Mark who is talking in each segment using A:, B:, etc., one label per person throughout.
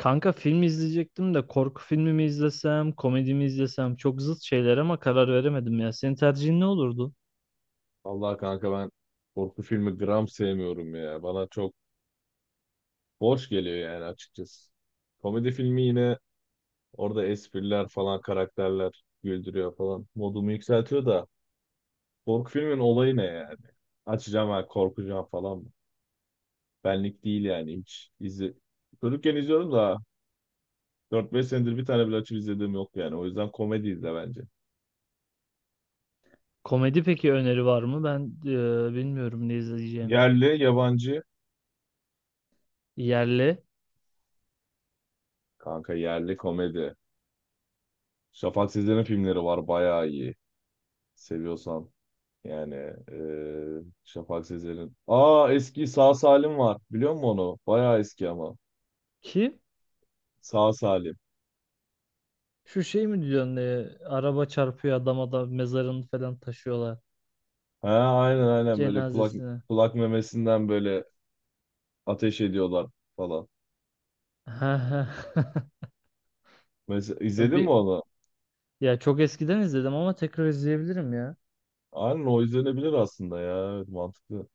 A: Kanka film izleyecektim de korku filmi mi izlesem, komedi mi izlesem, çok zıt şeyler ama karar veremedim ya. Senin tercihin ne olurdu?
B: Vallahi kanka ben korku filmi gram sevmiyorum ya. Bana çok boş geliyor yani açıkçası. Komedi filmi yine orada espriler falan karakterler güldürüyor falan. Modumu yükseltiyor da korku filmin olayı ne yani? Açacağım ha korkacağım falan mı? Benlik değil yani hiç. Çocukken izliyorum da dört beş senedir bir tane bile açıp izlediğim yok yani. O yüzden komedi izle bence.
A: Komedi peki, öneri var mı? Ben bilmiyorum ne izleyeceğim.
B: Yerli, yabancı.
A: Yerli.
B: Kanka yerli komedi. Şafak Sezer'in filmleri var bayağı iyi. Seviyorsan. Yani Şafak Sezer'in. Aa eski Sağ Salim var. Biliyor musun onu? Bayağı eski ama.
A: Ki
B: Sağ Salim.
A: şu şey mi diyorsun, araba çarpıyor adama da mezarını falan taşıyorlar
B: He aynen aynen böyle kulak
A: cenazesine.
B: kulak memesinden böyle ateş ediyorlar falan. Mesela izledin mi
A: Bir,
B: onu?
A: ya çok eskiden izledim ama tekrar izleyebilirim ya.
B: Aynen o izlenebilir aslında ya. Evet, mantıklı.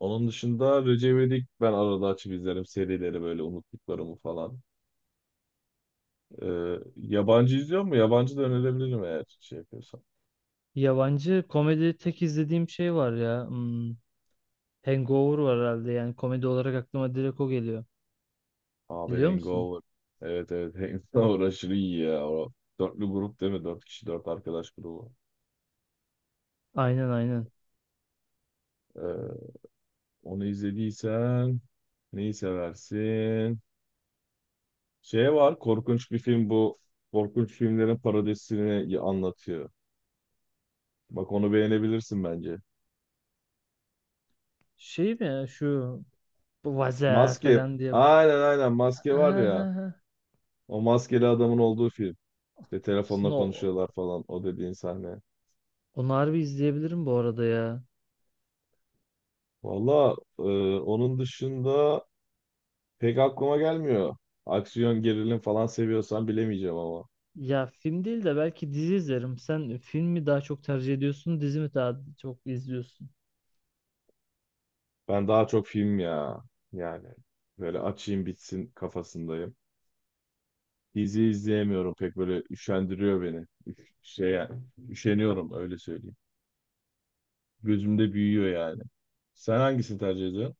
B: Onun dışında Recep İvedik ben arada açıp izlerim serileri böyle unuttuklarımı falan. Yabancı izliyor mu? Yabancı da önerebilirim eğer şey yapıyorsan.
A: Yabancı komedi tek izlediğim şey var ya. Hmm. Hangover var herhalde, yani komedi olarak aklıma direkt o geliyor.
B: Abi
A: Biliyor musun?
B: Hangover. Evet, evet. Hangover aşırı iyi ya. O dörtlü grup değil mi? Dört kişi dört arkadaş grubu.
A: Aynen, aynen.
B: Ee, onu izlediysen neyi seversin? Şey var, korkunç bir film bu. Korkunç filmlerin parodisini anlatıyor. Bak onu beğenebilirsin bence.
A: Şey mi ya, şu bu vaza
B: Maske.
A: falan diye.
B: Aynen aynen maske var ya.
A: Aha,
B: O maskeli adamın olduğu film. İşte telefonla
A: aslında o,
B: konuşuyorlar falan, o dediğin sahne.
A: onu harbi izleyebilirim bu arada ya.
B: Valla onun dışında pek aklıma gelmiyor. Aksiyon, gerilim falan seviyorsan bilemeyeceğim ama.
A: Ya film değil de belki dizi izlerim. Sen film mi daha çok tercih ediyorsun, dizi mi daha çok izliyorsun?
B: Ben daha çok film ya. Yani böyle açayım bitsin kafasındayım. Dizi izleyemiyorum pek, böyle üşendiriyor beni. Şey yani, üşeniyorum öyle söyleyeyim. Gözümde büyüyor yani. Sen hangisini tercih ediyorsun?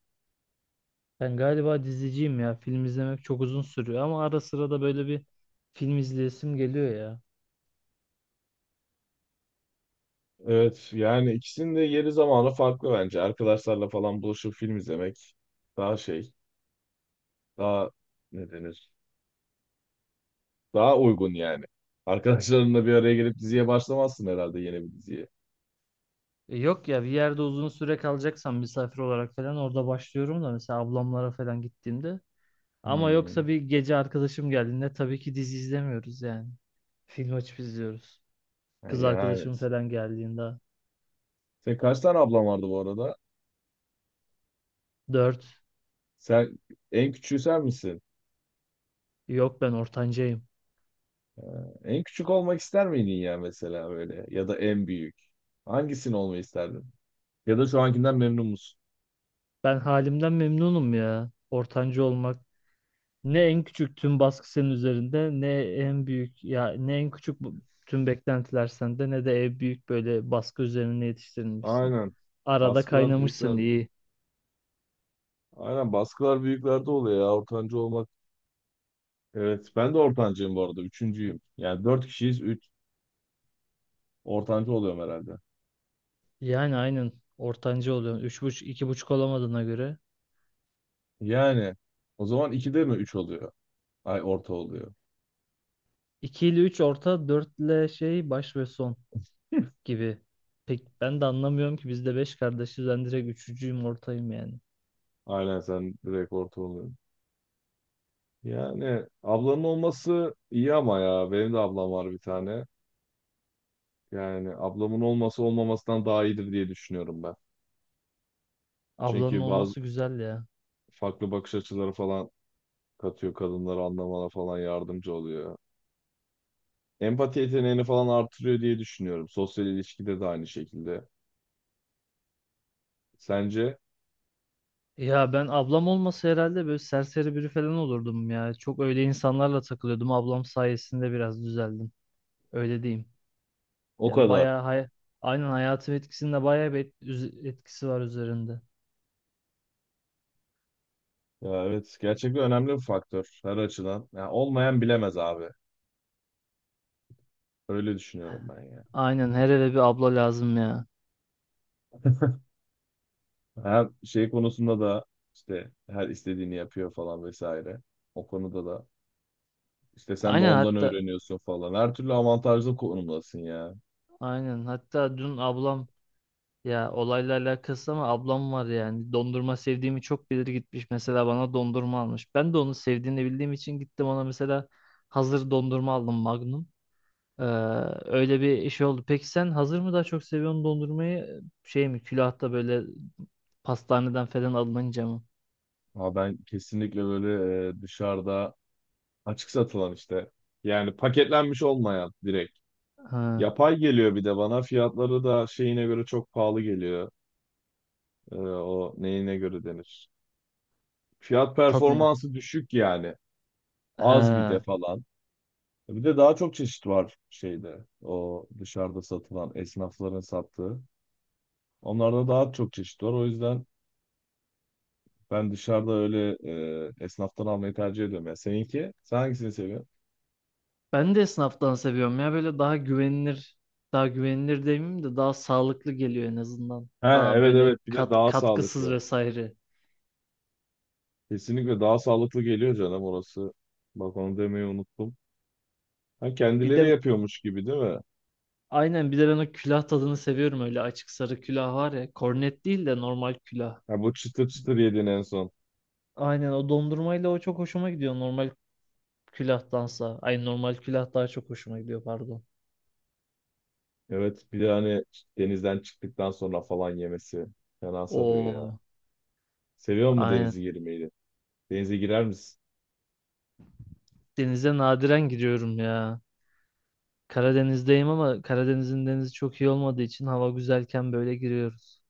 A: Ben galiba diziciyim ya. Film izlemek çok uzun sürüyor ama ara sıra da böyle bir film izleyesim geliyor ya.
B: Evet yani ikisinin de yeri zamanı farklı bence. Arkadaşlarla falan buluşup film izlemek daha şey, daha ne denir? Daha uygun yani. Arkadaşlarınla bir araya gelip diziye başlamazsın herhalde, yeni bir diziye.
A: E, yok ya, bir yerde uzun süre kalacaksam misafir olarak falan orada başlıyorum da, mesela ablamlara falan gittiğimde. Ama
B: Hmm.
A: yoksa bir gece arkadaşım geldiğinde tabii ki dizi izlemiyoruz yani. Film açıp izliyoruz.
B: Ha,
A: Kız
B: yani.
A: arkadaşım falan geldiğinde.
B: Senin kaç tane ablan vardı bu arada?
A: Dört.
B: Sen en küçüğü sen misin?
A: Yok, ben ortancayım.
B: En küçük olmak ister miydin ya mesela böyle? Ya da en büyük. Hangisini olmayı isterdin? Ya da şu ankinden memnun musun?
A: Ben halimden memnunum ya. Ortancı olmak. Ne en küçük tüm baskı senin üzerinde, ne en büyük, ya ne en küçük bu- tüm beklentiler sende, ne de en büyük böyle baskı üzerine yetiştirilmişsin.
B: Aynen.
A: Arada
B: Baskılar
A: kaynamışsın,
B: büyüklerde.
A: iyi.
B: Aynen baskılar büyüklerde oluyor ya. Ortancı olmak. Evet ben de ortancıyım bu arada. Üçüncüyüm. Yani dört kişiyiz. Üç. Ortancı oluyorum herhalde.
A: Yani aynen, ortancı oluyorsun. Üç buçuk, iki buçuk olamadığına göre.
B: Yani o zaman 2'de mi 3 oluyor? Ay orta oluyor.
A: 2 ile 3 orta, 4 ile şey, baş ve son gibi. Pek ben de anlamıyorum ki, biz de 5 kardeşiz. Ben direkt üçüncüyüm, ortayım yani.
B: Aynen sen direkt orta oluyorsun. Yani ablanın olması iyi ama ya benim de ablam var bir tane. Yani ablamın olması olmamasından daha iyidir diye düşünüyorum ben.
A: Ablanın
B: Çünkü bazı
A: olması güzel ya.
B: farklı bakış açıları falan katıyor, kadınları anlamana falan yardımcı oluyor. Empati yeteneğini falan artırıyor diye düşünüyorum. Sosyal ilişkide de aynı şekilde. Sence?
A: Ya ben ablam olmasa herhalde böyle serseri biri falan olurdum ya. Çok öyle insanlarla takılıyordum. Ablam sayesinde biraz düzeldim. Öyle diyeyim.
B: O
A: Ya
B: kadar.
A: bayağı aynen hayatım etkisinde bayağı bir etkisi var üzerinde.
B: Ya evet, gerçekten önemli bir faktör her açıdan. Ya olmayan bilemez abi. Öyle düşünüyorum ben ya.
A: Aynen, her eve bir abla lazım ya.
B: Hem şey konusunda da işte her istediğini yapıyor falan vesaire. O konuda da işte sen de
A: Aynen
B: ondan
A: hatta
B: öğreniyorsun falan. Her türlü avantajlı konumdasın ya.
A: Aynen. Hatta dün ablam, ya olayla alakası, ama ablam var yani. Dondurma sevdiğimi çok bilir, gitmiş mesela bana dondurma almış. Ben de onu sevdiğini bildiğim için gittim ona, mesela hazır dondurma aldım, Magnum. Ee, öyle bir iş oldu. Peki sen hazır mı daha çok seviyorsun dondurmayı? Şey mi, külahta böyle pastaneden falan alınınca mı?
B: Ha ben kesinlikle böyle dışarıda açık satılan işte, yani paketlenmiş olmayan, direkt.
A: Ha,
B: Yapay geliyor bir de bana. Fiyatları da şeyine göre çok pahalı geliyor. E, o neyine göre denir? Fiyat
A: tadını.
B: performansı düşük yani. Az bir de
A: Ha.
B: falan. Bir de daha çok çeşit var şeyde. O dışarıda satılan, esnafların sattığı. Onlarda daha çok çeşit var. O yüzden ben dışarıda öyle esnaftan almayı tercih ediyorum. Ya seninki? Sen hangisini seviyorsun?
A: Ben de esnaftan seviyorum ya, böyle daha güvenilir. Daha güvenilir demeyeyim de, daha sağlıklı geliyor en azından.
B: Ha
A: Daha
B: evet,
A: böyle
B: evet, bir de
A: kat,
B: daha
A: katkısız
B: sağlıklı.
A: vesaire.
B: Kesinlikle daha sağlıklı geliyor, canım orası. Bak onu demeyi unuttum. Ha
A: Bir
B: kendileri
A: de
B: yapıyormuş gibi değil mi?
A: aynen, bir de ben o külah tadını seviyorum, öyle açık sarı külah var ya. Kornet değil de normal külah.
B: Ha bu çıtır çıtır yedin en son.
A: Aynen, o dondurmayla o çok hoşuma gidiyor, normal külahtansa. Ay, normal külah daha çok hoşuma gidiyor, pardon.
B: Evet, bir de hani denizden çıktıktan sonra falan yemesi fena sarıyor ya.
A: Oo,
B: Seviyor musun
A: aynen.
B: denize girmeyi? Denize girer misin?
A: Denize nadiren giriyorum ya. Karadeniz'deyim ama Karadeniz'in denizi çok iyi olmadığı için hava güzelken böyle giriyoruz.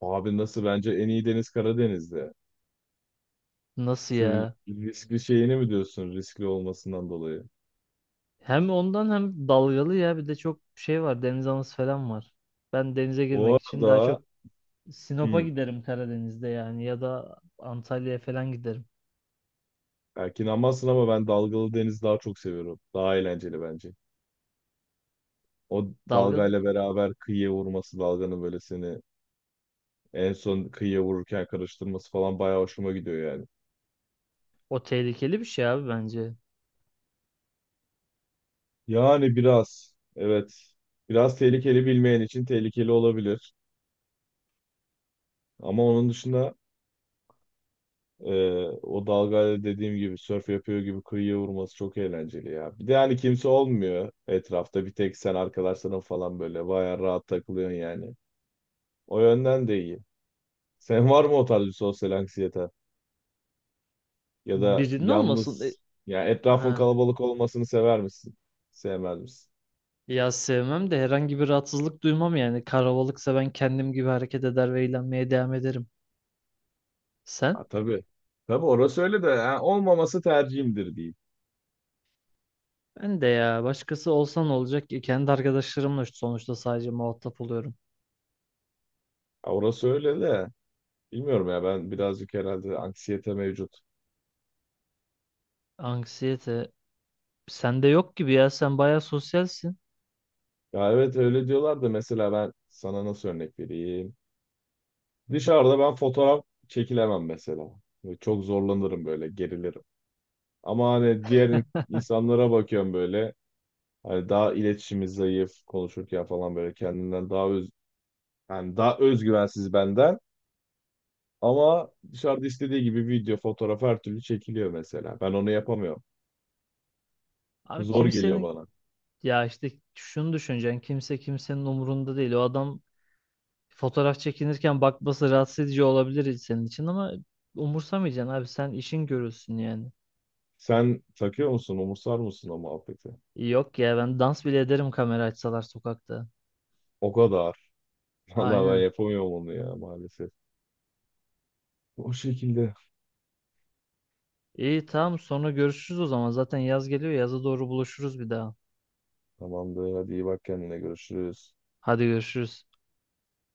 B: Abi nasıl, bence en iyi deniz Karadeniz'de.
A: Nasıl
B: Şu
A: ya?
B: riskli şeyini mi diyorsun, riskli olmasından dolayı?
A: Hem ondan, hem dalgalı ya, bir de çok şey var, deniz anası falan var. Ben denize
B: Bu
A: girmek için daha
B: arada
A: çok Sinop'a
B: hmm,
A: giderim Karadeniz'de, yani ya da Antalya'ya falan giderim.
B: belki inanmazsın ama ben dalgalı deniz daha çok seviyorum. Daha eğlenceli bence. O
A: Dalga,
B: dalgayla beraber kıyıya vurması, dalganın böyle seni en son kıyıya vururken karıştırması falan bayağı hoşuma gidiyor yani.
A: o tehlikeli bir şey abi bence.
B: Yani biraz evet, biraz tehlikeli, bilmeyen için tehlikeli olabilir. Ama onun dışında Ee, o dalgayla dediğim gibi sörf yapıyor gibi kıyıya vurması çok eğlenceli ya. Bir de hani kimse olmuyor etrafta. Bir tek sen, arkadaşların falan, böyle bayağı rahat takılıyorsun yani. O yönden de iyi. Sen var mı o tarz bir sosyal anksiyete? Ya da
A: Birinin olmasın. E,
B: yalnız ya, etrafın
A: ha.
B: kalabalık olmasını sever misin? Sevmez misin?
A: Ya sevmem de herhangi bir rahatsızlık duymam yani. Karavalıksa ben kendim gibi hareket eder ve eğlenmeye devam ederim.
B: Ha,
A: Sen?
B: tabii. Tabii orası öyle de, ha, olmaması tercihimdir diyeyim.
A: Ben de ya, başkası olsan olacak ki kendi arkadaşlarımla sonuçta sadece muhatap oluyorum.
B: Ha, orası öyle de bilmiyorum ya, ben birazcık herhalde anksiyete mevcut.
A: Anksiyete. Sende yok gibi ya, sen bayağı sosyalsin.
B: Ya evet öyle diyorlar da, mesela ben sana nasıl örnek vereyim? Dışarıda ben fotoğraf çekilemem mesela. Böyle çok zorlanırım, böyle gerilirim. Ama hani diğer insanlara bakıyorum, böyle hani daha iletişimi zayıf, konuşurken falan böyle kendinden daha öz, yani daha özgüvensiz benden, ama dışarıda istediği gibi video, fotoğraf, her türlü çekiliyor mesela. Ben onu yapamıyorum.
A: Abi,
B: Zor geliyor
A: kimsenin,
B: bana.
A: ya işte şunu düşüneceksin: kimse kimsenin umurunda değil. O adam fotoğraf çekinirken bakması rahatsız edici olabilir senin için, ama umursamayacaksın abi, sen işin görülsün yani.
B: Sen takıyor musun? Umursar mısın o muhabbeti?
A: Yok ya, ben dans bile ederim kamera açsalar sokakta.
B: O kadar. Vallahi ben
A: Aynen.
B: yapamıyorum onu ya, maalesef. O şekilde.
A: İyi, tamam, sonra görüşürüz o zaman, zaten yaz geliyor, yaza doğru buluşuruz bir daha.
B: Tamamdır. Hadi iyi bak kendine. Görüşürüz.
A: Hadi görüşürüz.